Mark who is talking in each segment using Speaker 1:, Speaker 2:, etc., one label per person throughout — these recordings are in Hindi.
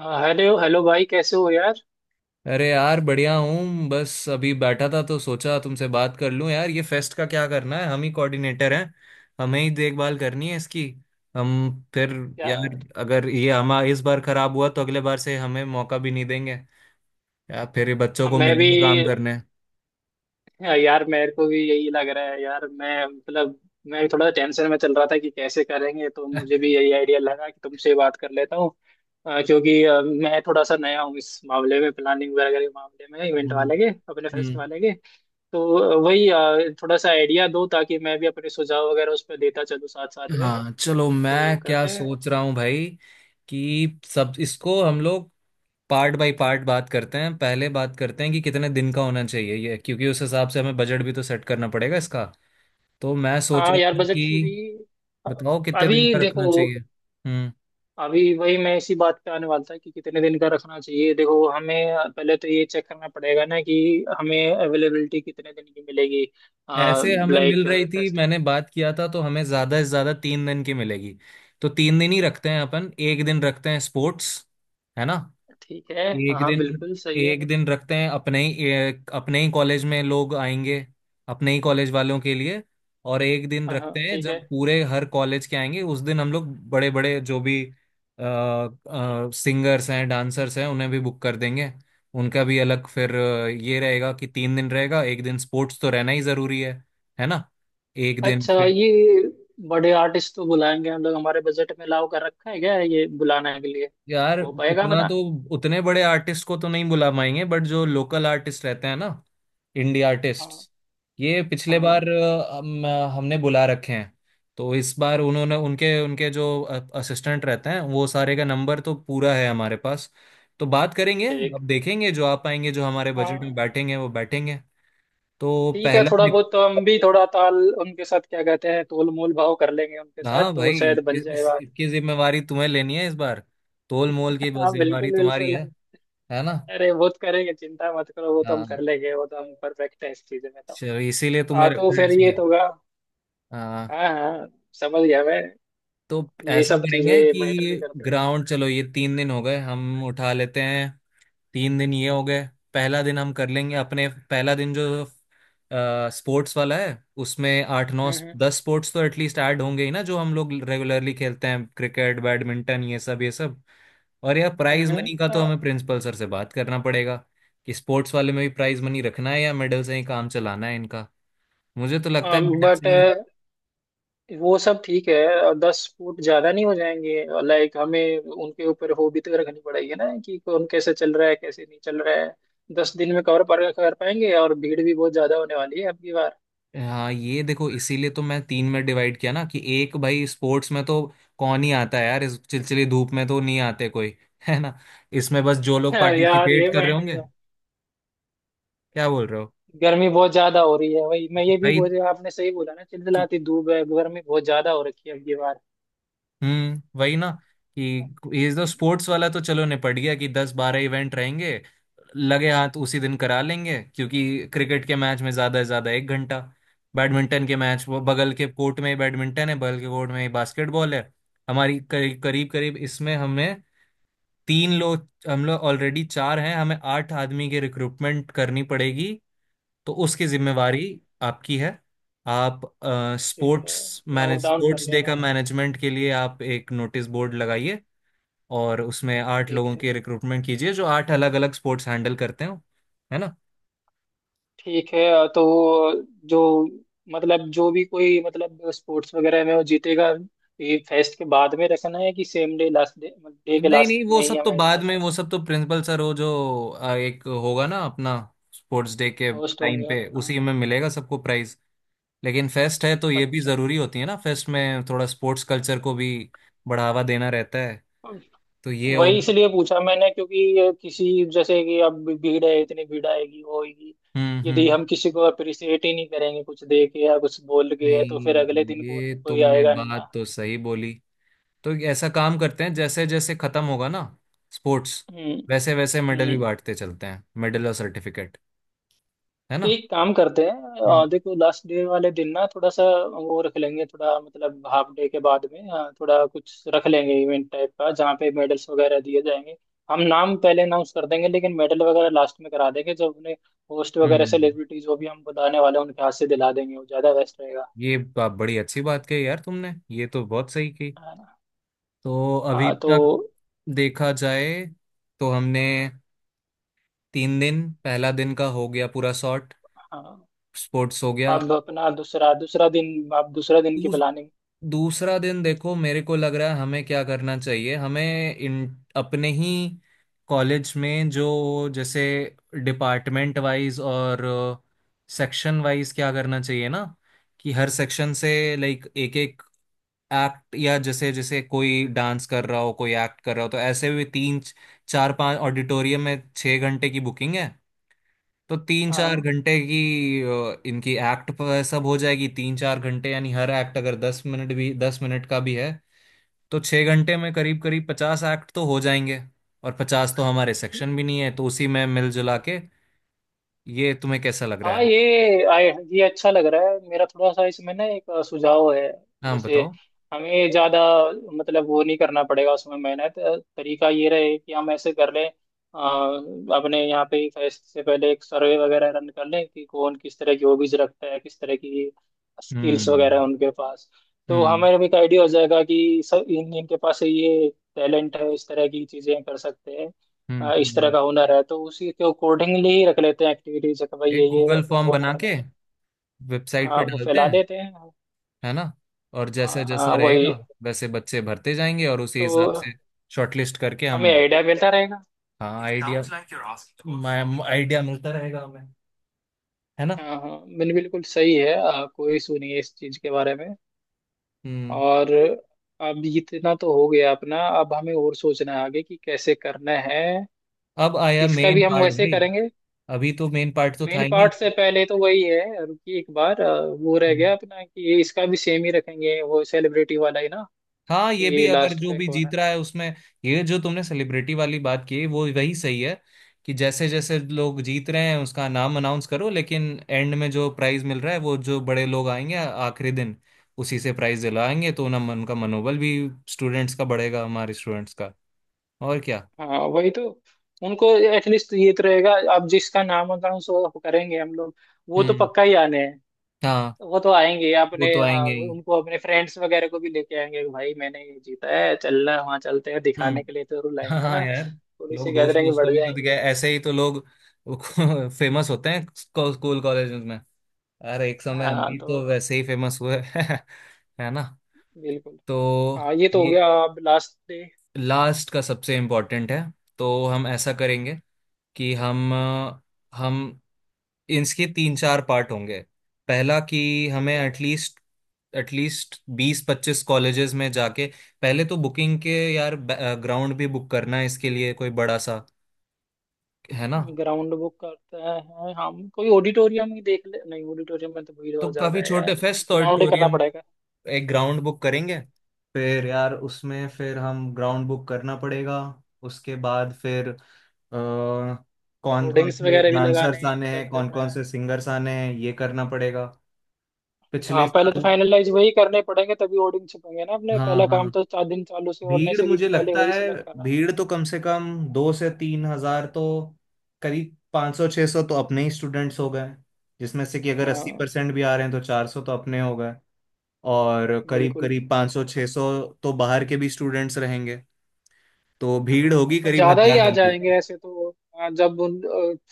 Speaker 1: हाँ, हेलो हेलो भाई कैसे हो यार।
Speaker 2: अरे यार बढ़िया हूँ। बस अभी बैठा था तो सोचा तुमसे बात कर लूँ। यार ये फेस्ट का क्या करना है? हम ही कोऑर्डिनेटर हैं, हमें ही देखभाल करनी है इसकी। हम फिर यार
Speaker 1: यार
Speaker 2: अगर ये हम इस बार खराब हुआ तो अगले बार से हमें मौका भी नहीं देंगे। यार फिर ये बच्चों
Speaker 1: अब
Speaker 2: को
Speaker 1: मैं भी।
Speaker 2: मिलेगा काम करने।
Speaker 1: यार मेरे को भी यही लग रहा है यार। मैं भी थोड़ा टेंशन में चल रहा था कि कैसे करेंगे, तो मुझे भी यही आइडिया लगा कि तुमसे बात कर लेता हूँ। क्योंकि मैं थोड़ा सा नया हूँ इस मामले में, प्लानिंग वगैरह के मामले में, इवेंट
Speaker 2: हम्म।
Speaker 1: वाले के, अपने फेस्ट
Speaker 2: हम्म।
Speaker 1: वाले के। तो वही थोड़ा सा आइडिया दो ताकि मैं भी अपने सुझाव वगैरह उस पर देता चलूँ साथ साथ में।
Speaker 2: हाँ चलो
Speaker 1: तो
Speaker 2: मैं क्या
Speaker 1: करते हैं।
Speaker 2: सोच रहा हूँ भाई, कि सब इसको हम लोग पार्ट बाय पार्ट बात करते हैं। पहले बात करते हैं कि कितने दिन का होना चाहिए ये, क्योंकि उस हिसाब से हमें बजट भी तो सेट करना पड़ेगा इसका। तो मैं सोच
Speaker 1: हाँ
Speaker 2: रहा
Speaker 1: यार,
Speaker 2: था
Speaker 1: बजट फ्री।
Speaker 2: कि बताओ कितने
Speaker 1: अभी
Speaker 2: दिन का रखना
Speaker 1: देखो,
Speaker 2: चाहिए। हम्म।
Speaker 1: अभी वही मैं इसी बात पे आने वाला था कि कितने दिन का रखना चाहिए। देखो, हमें पहले तो ये चेक करना पड़ेगा ना कि हमें अवेलेबिलिटी कितने दिन की मिलेगी।
Speaker 2: ऐसे हमें
Speaker 1: लाइक
Speaker 2: मिल रही थी,
Speaker 1: फेस्ट।
Speaker 2: मैंने बात किया था तो हमें ज्यादा से ज्यादा तीन दिन की मिलेगी। तो तीन दिन ही रखते हैं अपन। एक दिन रखते हैं स्पोर्ट्स, है ना।
Speaker 1: ठीक है, हाँ
Speaker 2: एक
Speaker 1: हाँ
Speaker 2: दिन,
Speaker 1: बिल्कुल सही है।
Speaker 2: एक दिन रखते हैं अपने ही अपने ही कॉलेज में लोग आएंगे, अपने ही कॉलेज वालों के लिए। और एक दिन
Speaker 1: हाँ हाँ
Speaker 2: रखते हैं
Speaker 1: ठीक है।
Speaker 2: जब पूरे हर कॉलेज के आएंगे, उस दिन हम लोग बड़े बड़े जो भी सिंगर्स हैं डांसर्स हैं उन्हें भी बुक कर देंगे। उनका भी अलग फिर ये रहेगा कि तीन दिन रहेगा। एक दिन स्पोर्ट्स तो रहना ही जरूरी है ना। एक दिन
Speaker 1: अच्छा
Speaker 2: फिर
Speaker 1: ये बड़े आर्टिस्ट तो बुलाएंगे हम लोग, हमारे बजट में लाओ कर रखा है क्या ये बुलाने के लिए?
Speaker 2: यार
Speaker 1: हो पाएगा
Speaker 2: उतना
Speaker 1: बना?
Speaker 2: तो, उतने बड़े आर्टिस्ट को तो नहीं बुला पाएंगे बट जो लोकल आर्टिस्ट रहते हैं ना, इंडी आर्टिस्ट।
Speaker 1: हाँ
Speaker 2: ये
Speaker 1: हाँ
Speaker 2: पिछले बार
Speaker 1: हाँ,
Speaker 2: हमने बुला रखे हैं। तो इस बार उन्होंने उनके उनके जो असिस्टेंट रहते हैं वो सारे का नंबर तो पूरा है हमारे पास। तो बात करेंगे,
Speaker 1: ठीक।
Speaker 2: अब देखेंगे जो आ पाएंगे, जो हमारे बजट में
Speaker 1: हाँ
Speaker 2: बैठेंगे वो बैठेंगे। तो
Speaker 1: ठीक है,
Speaker 2: पहला
Speaker 1: थोड़ा बहुत तो हम भी थोड़ा ताल, उनके साथ क्या कहते हैं, तोल मोल भाव कर लेंगे उनके साथ
Speaker 2: हाँ
Speaker 1: तो
Speaker 2: भाई,
Speaker 1: शायद बन जाएगा।
Speaker 2: इसकी जिम्मेवारी तुम्हें लेनी है इस बार। तोल मोल की बस
Speaker 1: हाँ
Speaker 2: जिम्मेवारी
Speaker 1: बिल्कुल
Speaker 2: तुम्हारी
Speaker 1: बिल्कुल।
Speaker 2: है ना।
Speaker 1: अरे वो तो करेंगे, चिंता मत करो, वो तो हम कर
Speaker 2: हाँ
Speaker 1: लेंगे, वो तो हम परफेक्ट है इस चीज़ में तो।
Speaker 2: चलो इसीलिए
Speaker 1: हाँ
Speaker 2: तुम्हें
Speaker 1: तो
Speaker 2: रखा है
Speaker 1: फिर ये
Speaker 2: इसमें।
Speaker 1: तो होगा।
Speaker 2: हाँ
Speaker 1: हाँ हाँ, समझ गया मैं।
Speaker 2: तो
Speaker 1: ये
Speaker 2: ऐसा
Speaker 1: सब
Speaker 2: करेंगे
Speaker 1: चीज़ें मैटर भी
Speaker 2: कि
Speaker 1: करती हैं।
Speaker 2: ग्राउंड, चलो ये तीन दिन हो गए हम उठा लेते हैं। तीन दिन ये हो गए। पहला दिन हम कर लेंगे अपने। पहला दिन जो स्पोर्ट्स वाला है, उसमें आठ नौ
Speaker 1: हम्म
Speaker 2: दस स्पोर्ट्स तो एटलीस्ट ऐड होंगे ही ना जो हम लोग रेगुलरली खेलते हैं। क्रिकेट बैडमिंटन ये सब ये सब। और यह प्राइज
Speaker 1: हम्म।
Speaker 2: मनी का तो हमें प्रिंसिपल सर से बात करना पड़ेगा कि स्पोर्ट्स वाले में भी प्राइज मनी रखना है या मेडल से ही काम चलाना है इनका। मुझे तो लगता है मेडल
Speaker 1: बट
Speaker 2: से ही।
Speaker 1: वो सब ठीक है। और 10 फुट ज़्यादा नहीं हो जाएंगे? लाइक हमें उनके ऊपर हो भी तो रखनी पड़ेगी ना कि कौन कैसे चल रहा है, कैसे नहीं चल रहा है। 10 दिन में कवर पर कर पाएंगे? और भीड़ भी बहुत ज़्यादा होने वाली है अब की बार।
Speaker 2: हाँ ये देखो इसीलिए तो मैं तीन में डिवाइड किया ना कि एक भाई स्पोर्ट्स में तो कौन ही आता है यार, इस चिलचिली धूप में तो नहीं आते कोई है ना। इसमें बस जो लोग
Speaker 1: यार
Speaker 2: पार्टिसिपेट
Speaker 1: ये
Speaker 2: कर रहे
Speaker 1: पॉइंट भी।
Speaker 2: होंगे। क्या बोल रहे हो
Speaker 1: गर्मी बहुत ज्यादा हो रही है, वही मैं ये भी
Speaker 2: भाई।
Speaker 1: बोल, आपने सही बोला ना, चिलचिलाती धूप है, गर्मी बहुत ज्यादा हो रखी है अब ये बार।
Speaker 2: वही ना कि ये तो
Speaker 1: हम्म,
Speaker 2: स्पोर्ट्स वाला तो चलो निपट गया कि दस बारह इवेंट रहेंगे। लगे हाथ उसी दिन करा लेंगे, क्योंकि क्रिकेट के मैच में ज्यादा से ज्यादा एक घंटा, बैडमिंटन के मैच वो बगल के कोर्ट में ही बैडमिंटन है, बगल के कोर्ट में ही बास्केटबॉल है। हमारी करीब करीब करीब इसमें हमें तीन लोग, हम लोग ऑलरेडी चार हैं, हमें आठ आदमी की रिक्रूटमेंट करनी पड़ेगी। तो उसकी जिम्मेवारी
Speaker 1: हाँ
Speaker 2: आपकी है। आप
Speaker 1: ठीक है,
Speaker 2: स्पोर्ट्स
Speaker 1: नोट
Speaker 2: मैनेज,
Speaker 1: डाउन कर
Speaker 2: स्पोर्ट्स
Speaker 1: लिया
Speaker 2: डे का
Speaker 1: मैंने।
Speaker 2: मैनेजमेंट के लिए आप एक नोटिस बोर्ड लगाइए और उसमें आठ
Speaker 1: ठीक
Speaker 2: लोगों
Speaker 1: ठीक।
Speaker 2: की रिक्रूटमेंट कीजिए जो आठ अलग अलग स्पोर्ट्स हैंडल करते हो, है ना।
Speaker 1: ठीक है तो जो, मतलब जो भी कोई, मतलब स्पोर्ट्स वगैरह में वो जीतेगा, ये फेस्ट के बाद में रखना है कि same day last day, day के
Speaker 2: नहीं
Speaker 1: लास्ट
Speaker 2: नहीं वो
Speaker 1: में ही
Speaker 2: सब तो
Speaker 1: हमें ना
Speaker 2: बाद में।
Speaker 1: उसका
Speaker 2: वो सब तो प्रिंसिपल सर हो जो एक होगा ना अपना स्पोर्ट्स डे के
Speaker 1: होस्ट
Speaker 2: टाइम
Speaker 1: होंगे?
Speaker 2: पे,
Speaker 1: हाँ
Speaker 2: उसी में मिलेगा सबको प्राइज। लेकिन फेस्ट है तो ये भी
Speaker 1: अच्छा,
Speaker 2: जरूरी होती है ना, फेस्ट में थोड़ा स्पोर्ट्स कल्चर को भी बढ़ावा देना रहता है। तो ये हो
Speaker 1: वही
Speaker 2: गया।
Speaker 1: इसलिए पूछा मैंने क्योंकि ये किसी, जैसे कि अब भीड़ है, इतनी भीड़ आएगी वो होगी,
Speaker 2: हम्म।
Speaker 1: यदि
Speaker 2: हम्म।
Speaker 1: हम किसी को अप्रिशिएट ही नहीं करेंगे कुछ दे के या कुछ बोल के, तो फिर अगले
Speaker 2: नहीं
Speaker 1: दिन कौन,
Speaker 2: ये
Speaker 1: कोई
Speaker 2: तुमने
Speaker 1: आएगा नहीं
Speaker 2: बात
Speaker 1: ना।
Speaker 2: तो सही बोली। तो ऐसा काम करते हैं, जैसे जैसे खत्म होगा ना स्पोर्ट्स,
Speaker 1: हम्म
Speaker 2: वैसे वैसे मेडल भी
Speaker 1: हम्म।
Speaker 2: बांटते चलते हैं, मेडल और सर्टिफिकेट, है
Speaker 1: तो
Speaker 2: ना।
Speaker 1: एक काम करते हैं,
Speaker 2: हम्म।
Speaker 1: देखो लास्ट डे वाले दिन ना थोड़ा सा वो रख लेंगे, थोड़ा मतलब हाफ डे के बाद में थोड़ा कुछ रख लेंगे इवेंट टाइप का जहाँ पे मेडल्स वगैरह दिए जाएंगे। हम नाम पहले अनाउंस कर देंगे लेकिन मेडल वगैरह लास्ट में करा देंगे, जो अपने होस्ट वगैरह
Speaker 2: हम्म।
Speaker 1: सेलिब्रिटीज जो भी हम बुलाने वाले हैं उनके हाथ से दिला देंगे, वो ज़्यादा बेस्ट रहेगा।
Speaker 2: ये बड़ी अच्छी बात कही यार तुमने, ये तो बहुत सही की।
Speaker 1: है ना?
Speaker 2: तो अभी
Speaker 1: हाँ तो
Speaker 2: तक देखा जाए तो हमने तीन दिन, पहला दिन का हो गया पूरा सॉर्ट।
Speaker 1: हाँ,
Speaker 2: स्पोर्ट्स हो गया।
Speaker 1: अब अपना दूसरा दूसरा दिन, आप दूसरा दिन की
Speaker 2: दूस,
Speaker 1: प्लानिंग।
Speaker 2: दूसरा दिन देखो मेरे को लग रहा है हमें क्या करना चाहिए, हमें इन अपने ही कॉलेज में जो जैसे डिपार्टमेंट वाइज और सेक्शन वाइज क्या करना चाहिए ना, कि हर सेक्शन से लाइक एक एक एक्ट, या जैसे जैसे कोई डांस कर रहा हो कोई एक्ट कर रहा हो। तो ऐसे भी तीन चार पांच, ऑडिटोरियम में छः घंटे की बुकिंग है। तो तीन चार
Speaker 1: हाँ
Speaker 2: घंटे की इनकी एक्ट पर सब हो जाएगी। तीन चार घंटे यानी हर एक्ट अगर दस मिनट भी, दस मिनट का भी है तो छः घंटे में करीब करीब पचास एक्ट तो हो जाएंगे। और पचास तो हमारे सेक्शन भी नहीं है तो उसी में मिलजुला के। ये तुम्हें कैसा लग रहा
Speaker 1: हाँ
Speaker 2: है?
Speaker 1: ये आए, ये अच्छा लग रहा है, मेरा थोड़ा सा इसमें ना एक सुझाव है।
Speaker 2: हाँ
Speaker 1: जैसे
Speaker 2: बताओ।
Speaker 1: हमें ज़्यादा, मतलब वो नहीं करना पड़ेगा उसमें मेहनत, तरीका ये रहे कि हम ऐसे कर लें, अपने यहाँ पे फेस्ट से पहले एक सर्वे वगैरह रन कर लें कि कौन किस तरह की हॉबीज रखता है, किस तरह की स्किल्स
Speaker 2: हम्म।
Speaker 1: वगैरह उनके पास। तो
Speaker 2: हम्म।
Speaker 1: हमें भी एक आइडिया हो जाएगा कि सब इन इनके पास ये टैलेंट है, इस तरह की चीज़ें कर सकते हैं।
Speaker 2: हम्म।
Speaker 1: आ, इस तरह
Speaker 2: हम्म।
Speaker 1: का हुनर है तो उसी के अकॉर्डिंगली ही रख लेते हैं एक्टिविटीज कि भाई
Speaker 2: एक
Speaker 1: ये
Speaker 2: गूगल फॉर्म
Speaker 1: इन्वॉल्व
Speaker 2: बना
Speaker 1: कर
Speaker 2: के
Speaker 1: लेते हैं।
Speaker 2: वेबसाइट
Speaker 1: हाँ
Speaker 2: पे
Speaker 1: वो
Speaker 2: डालते
Speaker 1: फैला
Speaker 2: हैं,
Speaker 1: देते हैं।
Speaker 2: है ना। और जैसा
Speaker 1: हाँ
Speaker 2: जैसा
Speaker 1: हाँ
Speaker 2: रहेगा
Speaker 1: वही
Speaker 2: वैसे बच्चे भरते जाएंगे और उसी हिसाब से
Speaker 1: तो,
Speaker 2: शॉर्टलिस्ट करके हम।
Speaker 1: हमें आइडिया मिलता रहेगा।
Speaker 2: हाँ आइडिया food. मैं something. आइडिया मिलता रहेगा हमें, है ना।
Speaker 1: हाँ हाँ, मैंने बिल्कुल सही है, आ, कोई इशू नहीं है इस चीज के बारे में।
Speaker 2: हम्म।
Speaker 1: और अब इतना तो हो गया अपना, अब हमें और सोचना है आगे कि कैसे करना है।
Speaker 2: अब आया
Speaker 1: इसका
Speaker 2: मेन
Speaker 1: भी हम
Speaker 2: पार्ट
Speaker 1: वैसे
Speaker 2: भाई।
Speaker 1: करेंगे,
Speaker 2: अभी तो मेन पार्ट तो था
Speaker 1: मेन
Speaker 2: ही नहीं।
Speaker 1: पार्ट से पहले तो वही है कि एक बार आ, वो रह
Speaker 2: हम्म,
Speaker 1: गया अपना कि इसका भी सेम ही रखेंगे, वो सेलिब्रिटी वाला ही ना,
Speaker 2: हाँ ये भी
Speaker 1: कि
Speaker 2: अगर
Speaker 1: लास्ट
Speaker 2: जो
Speaker 1: में
Speaker 2: भी
Speaker 1: कौन है।
Speaker 2: जीत रहा है उसमें, ये जो तुमने सेलिब्रिटी वाली बात की वो वही सही है। कि जैसे जैसे लोग जीत रहे हैं उसका नाम अनाउंस करो, लेकिन एंड में जो प्राइज मिल रहा है वो जो बड़े लोग आएंगे आखिरी दिन, उसी से प्राइज दिलाएंगे। तो ना मन उनका, मनोबल भी स्टूडेंट्स का बढ़ेगा, हमारे स्टूडेंट्स का। और क्या।
Speaker 1: हाँ वही तो, उनको एटलीस्ट ये तो रहेगा। अब जिसका नाम होता सो करेंगे हम लोग, वो तो
Speaker 2: हम्म।
Speaker 1: पक्का ही आने हैं।
Speaker 2: हाँ
Speaker 1: वो तो आएंगे,
Speaker 2: वो
Speaker 1: अपने
Speaker 2: तो
Speaker 1: आ,
Speaker 2: आएंगे ही।
Speaker 1: उनको अपने फ्रेंड्स वगैरह को भी लेके आएंगे कि भाई मैंने ये जीता है, चलना, वहाँ चलते हैं
Speaker 2: हम्म,
Speaker 1: दिखाने के लिए, तो
Speaker 2: हाँ
Speaker 1: रुलाएंगे, है
Speaker 2: हाँ
Speaker 1: ना?
Speaker 2: यार
Speaker 1: थोड़ी सी
Speaker 2: लोग दोस्त
Speaker 1: गैदरिंग
Speaker 2: दोस्त को
Speaker 1: बढ़
Speaker 2: भी तो
Speaker 1: जाएंगी।
Speaker 2: दिखाए, ऐसे ही तो लोग फेमस होते हैं स्कूल कॉलेज में। अरे एक समय हम
Speaker 1: हाँ
Speaker 2: भी
Speaker 1: तो
Speaker 2: तो वैसे ही फेमस हुए है ना।
Speaker 1: बिल्कुल।
Speaker 2: तो
Speaker 1: हाँ ये तो हो
Speaker 2: ये
Speaker 1: गया, अब लास्ट डे।
Speaker 2: लास्ट का सबसे इम्पोर्टेंट है। तो हम ऐसा करेंगे कि हम इसके तीन चार पार्ट होंगे। पहला कि हमें
Speaker 1: ठीक है,
Speaker 2: एटलीस्ट, एटलीस्ट बीस पच्चीस कॉलेजेस में जाके, पहले तो बुकिंग के यार, ग्राउंड भी बुक करना है इसके लिए कोई बड़ा सा, है ना।
Speaker 1: ग्राउंड बुक करते हैं, हम कोई ऑडिटोरियम ही देख ले, नहीं ऑडिटोरियम में तो भीड़
Speaker 2: तो
Speaker 1: और
Speaker 2: काफी
Speaker 1: ज्यादा है यार,
Speaker 2: छोटे फेस्ट
Speaker 1: ग्राउंड ही करना
Speaker 2: ऑडिटोरियम में।
Speaker 1: पड़ेगा।
Speaker 2: एक ग्राउंड बुक करेंगे। फिर यार उसमें फिर हम ग्राउंड बुक करना पड़ेगा। उसके बाद फिर कौन कौन
Speaker 1: होर्डिंग्स
Speaker 2: से
Speaker 1: वगैरह भी लगाने
Speaker 2: डांसर्स
Speaker 1: हैं,
Speaker 2: आने
Speaker 1: सब
Speaker 2: हैं कौन
Speaker 1: करना
Speaker 2: कौन
Speaker 1: है।
Speaker 2: से सिंगर्स आने हैं ये करना पड़ेगा। पिछले
Speaker 1: हाँ पहले तो
Speaker 2: साल
Speaker 1: फाइनलाइज वही करने पड़ेंगे, तभी होर्डिंग छपेंगे ना अपने,
Speaker 2: हाँ
Speaker 1: पहला
Speaker 2: हाँ,
Speaker 1: काम तो 4 दिन चालू से होने
Speaker 2: भीड़
Speaker 1: से भी
Speaker 2: मुझे
Speaker 1: पहले
Speaker 2: लगता
Speaker 1: वही
Speaker 2: है,
Speaker 1: सिलेक्ट करना है।
Speaker 2: भीड़ तो कम से कम दो से तीन हजार तो, करीब पाँच सौ छः सौ तो अपने ही स्टूडेंट्स हो गए, जिसमें से कि अगर अस्सी
Speaker 1: हाँ
Speaker 2: परसेंट भी आ रहे हैं तो चार सौ तो अपने हो गए। और करीब
Speaker 1: बिल्कुल।
Speaker 2: करीब 500 600 तो बाहर के भी स्टूडेंट्स रहेंगे। तो भीड़ होगी करीब
Speaker 1: ज्यादा ही
Speaker 2: हजार
Speaker 1: आ
Speaker 2: बंदे
Speaker 1: जाएंगे
Speaker 2: की।
Speaker 1: ऐसे तो। हाँ, जब उन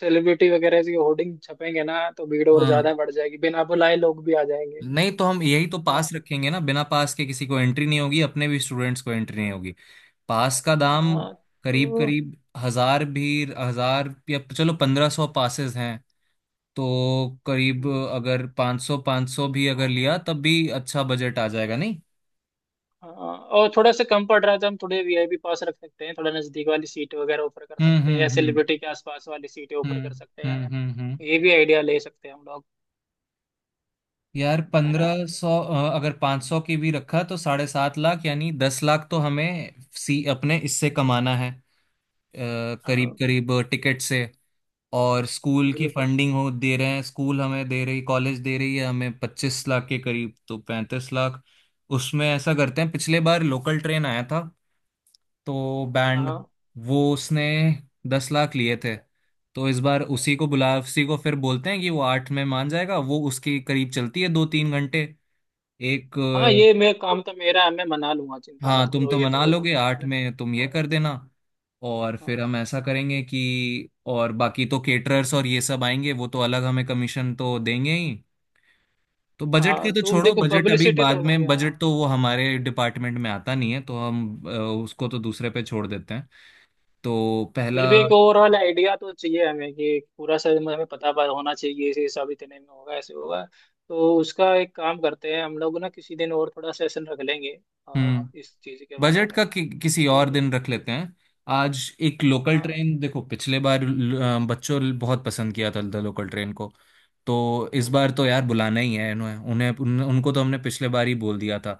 Speaker 1: सेलिब्रिटी वगैरह की होर्डिंग छपेंगे ना तो भीड़ और
Speaker 2: हाँ,
Speaker 1: ज्यादा बढ़ जाएगी, बिना बुलाए लोग भी आ जाएंगे।
Speaker 2: नहीं तो हम यही तो पास
Speaker 1: हाँ।
Speaker 2: रखेंगे ना, बिना पास के किसी को एंट्री नहीं होगी, अपने भी स्टूडेंट्स को एंट्री नहीं होगी। पास का दाम
Speaker 1: हाँ,
Speaker 2: करीब
Speaker 1: तो
Speaker 2: करीब हजार भी, हजार या चलो पंद्रह सौ पासेस हैं। तो करीब अगर पाँच सौ पाँच सौ भी अगर लिया तब भी अच्छा बजट आ जाएगा नहीं।
Speaker 1: हाँ और थोड़ा सा कम पड़ रहा है तो हम थोड़े वीआईपी पास रख सकते हैं, थोड़ा नजदीक वाली सीट वगैरह ऑफर कर
Speaker 2: हम्म।
Speaker 1: सकते हैं, या
Speaker 2: हम्म। हम्म।
Speaker 1: सेलिब्रिटी के आसपास वाली सीटें ऑफर
Speaker 2: हम्म।
Speaker 1: कर सकते हैं।
Speaker 2: हम्म। हम्म। हम्म।
Speaker 1: ये भी आइडिया ले सकते हैं हम लोग,
Speaker 2: यार
Speaker 1: है ना?
Speaker 2: पंद्रह सौ, अगर पाँच सौ की भी रखा तो साढ़े सात लाख, यानी दस लाख तो हमें सी अपने इससे कमाना है करीब
Speaker 1: हाँ
Speaker 2: करीब टिकट से। और स्कूल की
Speaker 1: बिल्कुल।
Speaker 2: फंडिंग हो दे रहे हैं, स्कूल हमें दे रही, कॉलेज दे रही है हमें पच्चीस लाख के करीब, तो पैंतीस लाख। उसमें ऐसा करते हैं पिछले बार लोकल ट्रेन आया था, तो बैंड
Speaker 1: हाँ
Speaker 2: वो उसने दस लाख लिए थे। तो इस बार उसी को बुला, उसी को फिर बोलते हैं कि वो आठ में मान जाएगा, वो उसके करीब चलती है दो तीन घंटे एक।
Speaker 1: हाँ ये मैं, काम तो मेरा है, मैं मना लूंगा, चिंता मत
Speaker 2: हाँ तुम
Speaker 1: करो,
Speaker 2: तो
Speaker 1: ये
Speaker 2: मना
Speaker 1: तो
Speaker 2: लोगे
Speaker 1: मैं
Speaker 2: आठ
Speaker 1: अपने।
Speaker 2: में, तुम ये कर देना। और फिर
Speaker 1: हाँ
Speaker 2: हम ऐसा करेंगे कि और बाकी तो केटरर्स और ये सब आएंगे वो तो अलग हमें कमीशन तो देंगे ही। तो बजट के
Speaker 1: हाँ,
Speaker 2: तो
Speaker 1: तो
Speaker 2: छोड़ो
Speaker 1: देखो
Speaker 2: बजट अभी
Speaker 1: पब्लिसिटी तो
Speaker 2: बाद
Speaker 1: उनके
Speaker 2: में,
Speaker 1: यहाँ,
Speaker 2: बजट तो वो हमारे डिपार्टमेंट में आता नहीं है तो अ, उसको तो दूसरे पे छोड़ देते हैं। तो पहला
Speaker 1: फिर भी एक ओवरऑल आइडिया तो चाहिए हमें कि पूरा सब हमें पता पा- होना चाहिए ऐसे, सब इतने में होगा, ऐसे होगा। तो उसका एक काम करते हैं हम लोग ना, किसी दिन और थोड़ा सेशन रख लेंगे आ,
Speaker 2: हम्म
Speaker 1: इस चीज के बारे
Speaker 2: बजट का
Speaker 1: में।
Speaker 2: कि, किसी और
Speaker 1: ठीक है।
Speaker 2: दिन रख लेते हैं। आज एक लोकल
Speaker 1: हाँ
Speaker 2: ट्रेन देखो पिछले बार बच्चों ने बहुत पसंद किया था द लोकल ट्रेन को। तो इस
Speaker 1: हम्म हम्म।
Speaker 2: बार तो यार बुलाना ही है इन्हें, उनको तो हमने पिछले बार ही बोल दिया था।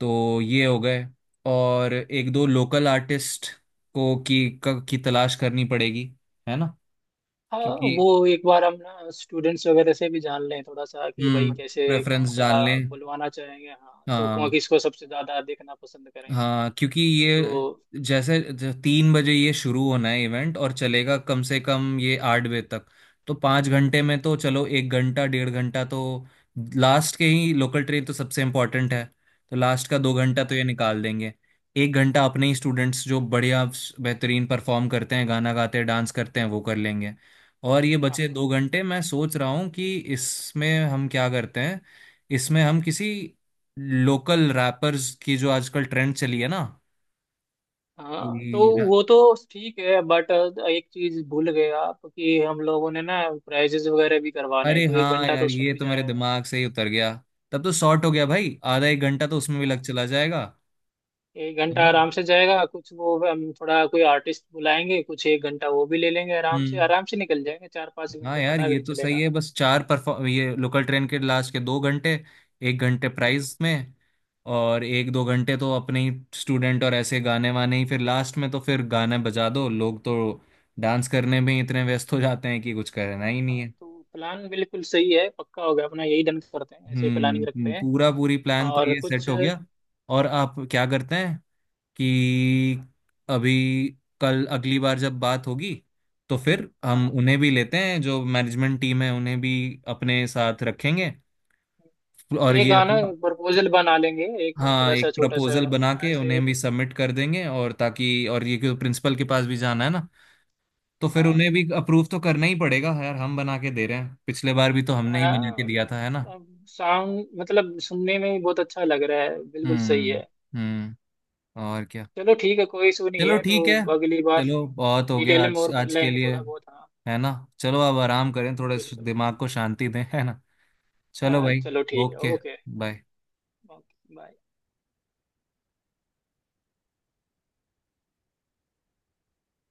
Speaker 2: तो ये हो गए। और एक दो लोकल आर्टिस्ट को की तलाश करनी पड़ेगी, है ना।
Speaker 1: हाँ
Speaker 2: क्योंकि
Speaker 1: वो एक बार हम ना स्टूडेंट्स वगैरह से भी जान लें थोड़ा सा कि भाई
Speaker 2: हम्म
Speaker 1: कैसे, कौन
Speaker 2: प्रेफरेंस
Speaker 1: सा
Speaker 2: जान लें।
Speaker 1: बुलवाना चाहेंगे, हाँ तो कौन
Speaker 2: हाँ
Speaker 1: किसको सबसे ज्यादा देखना पसंद करेंगे।
Speaker 2: हाँ क्योंकि ये
Speaker 1: तो
Speaker 2: जैसे तीन बजे ये शुरू होना है इवेंट और चलेगा कम से कम ये आठ बजे तक। तो पाँच घंटे में तो चलो एक घंटा डेढ़ घंटा तो लास्ट के ही, लोकल ट्रेन तो सबसे इम्पोर्टेंट है। तो लास्ट का दो घंटा तो
Speaker 1: हाँ
Speaker 2: ये निकाल देंगे। एक घंटा अपने ही स्टूडेंट्स जो बढ़िया बेहतरीन परफॉर्म करते हैं गाना गाते हैं डांस करते हैं वो कर लेंगे। और ये बचे
Speaker 1: हाँ।
Speaker 2: दो घंटे, मैं सोच रहा हूँ कि इसमें हम क्या करते हैं। इसमें हम किसी लोकल रैपर्स की जो आजकल ट्रेंड चली है ना,
Speaker 1: हाँ तो
Speaker 2: कि
Speaker 1: वो तो ठीक है बट, एक चीज भूल गए आप कि हम लोगों ने ना प्राइजेस वगैरह भी करवाने हैं
Speaker 2: अरे
Speaker 1: तो एक
Speaker 2: हाँ
Speaker 1: घंटा तो
Speaker 2: यार
Speaker 1: उसमें
Speaker 2: ये
Speaker 1: भी
Speaker 2: तो मेरे
Speaker 1: जाएगा।
Speaker 2: दिमाग से ही उतर गया। तब तो शॉर्ट हो गया भाई, आधा एक घंटा तो उसमें भी लग
Speaker 1: हाँ,
Speaker 2: चला जाएगा,
Speaker 1: एक
Speaker 2: है
Speaker 1: घंटा
Speaker 2: ना।
Speaker 1: आराम से जाएगा, कुछ वो हम थोड़ा कोई आर्टिस्ट बुलाएंगे, कुछ 1 घंटा वो भी ले लेंगे,
Speaker 2: हम्म।
Speaker 1: आराम से निकल जाएंगे, चार पाँच
Speaker 2: हाँ
Speaker 1: घंटे
Speaker 2: यार
Speaker 1: पता भी
Speaker 2: ये
Speaker 1: नहीं
Speaker 2: तो सही
Speaker 1: चलेगा।
Speaker 2: है। बस चार परफॉर्म ये लोकल ट्रेन के लास्ट के दो घंटे, एक घंटे
Speaker 1: हम्म।
Speaker 2: प्राइज में, और एक दो घंटे तो अपने ही स्टूडेंट और ऐसे गाने वाने ही। फिर लास्ट में तो फिर गाने बजा दो, लोग तो डांस करने में ही इतने व्यस्त हो जाते हैं कि कुछ करना ही
Speaker 1: हाँ
Speaker 2: नहीं।
Speaker 1: तो प्लान बिल्कुल सही है, पक्का होगा अपना, यही डन करते हैं, ऐसे ही
Speaker 2: हम्म।
Speaker 1: प्लानिंग रखते हैं।
Speaker 2: पूरा पूरी प्लान तो
Speaker 1: और
Speaker 2: ये सेट
Speaker 1: कुछ।
Speaker 2: हो गया। और आप क्या करते हैं कि अभी कल अगली बार जब बात होगी तो फिर हम
Speaker 1: हाँ
Speaker 2: उन्हें भी लेते हैं जो मैनेजमेंट टीम है उन्हें भी अपने साथ रखेंगे। और
Speaker 1: एक
Speaker 2: ये
Speaker 1: आना,
Speaker 2: अपना,
Speaker 1: प्रपोजल बना लेंगे एक,
Speaker 2: हाँ
Speaker 1: थोड़ा सा
Speaker 2: एक
Speaker 1: छोटा सा।
Speaker 2: प्रपोजल बना के
Speaker 1: ऐसे
Speaker 2: उन्हें भी सबमिट कर देंगे, और ताकि, और ये क्यों प्रिंसिपल के पास भी जाना है ना। तो फिर
Speaker 1: हाँ।
Speaker 2: उन्हें भी अप्रूव तो करना ही पड़ेगा यार, हम बना के दे रहे हैं, पिछले बार भी तो हमने ही बना के
Speaker 1: हाँ
Speaker 2: दिया था, है ना।
Speaker 1: साउंड, मतलब सुनने में ही बहुत अच्छा लग रहा है, बिल्कुल सही
Speaker 2: हम्म।
Speaker 1: है।
Speaker 2: हम्म। और क्या।
Speaker 1: चलो ठीक है कोई इशू नहीं
Speaker 2: चलो
Speaker 1: है, तो
Speaker 2: ठीक है।
Speaker 1: अगली बार
Speaker 2: चलो बहुत हो गया
Speaker 1: डिटेल में
Speaker 2: आज,
Speaker 1: और कर
Speaker 2: आज के
Speaker 1: लेंगे
Speaker 2: लिए,
Speaker 1: थोड़ा बहुत हाँ।
Speaker 2: है ना। चलो अब आराम करें
Speaker 1: हाँ,
Speaker 2: थोड़े,
Speaker 1: बिल्कुल।
Speaker 2: दिमाग को शांति दें, है ना। चलो
Speaker 1: हाँ
Speaker 2: भाई।
Speaker 1: चलो ठीक है
Speaker 2: okay.
Speaker 1: Okay.
Speaker 2: Bye.
Speaker 1: Okay bye.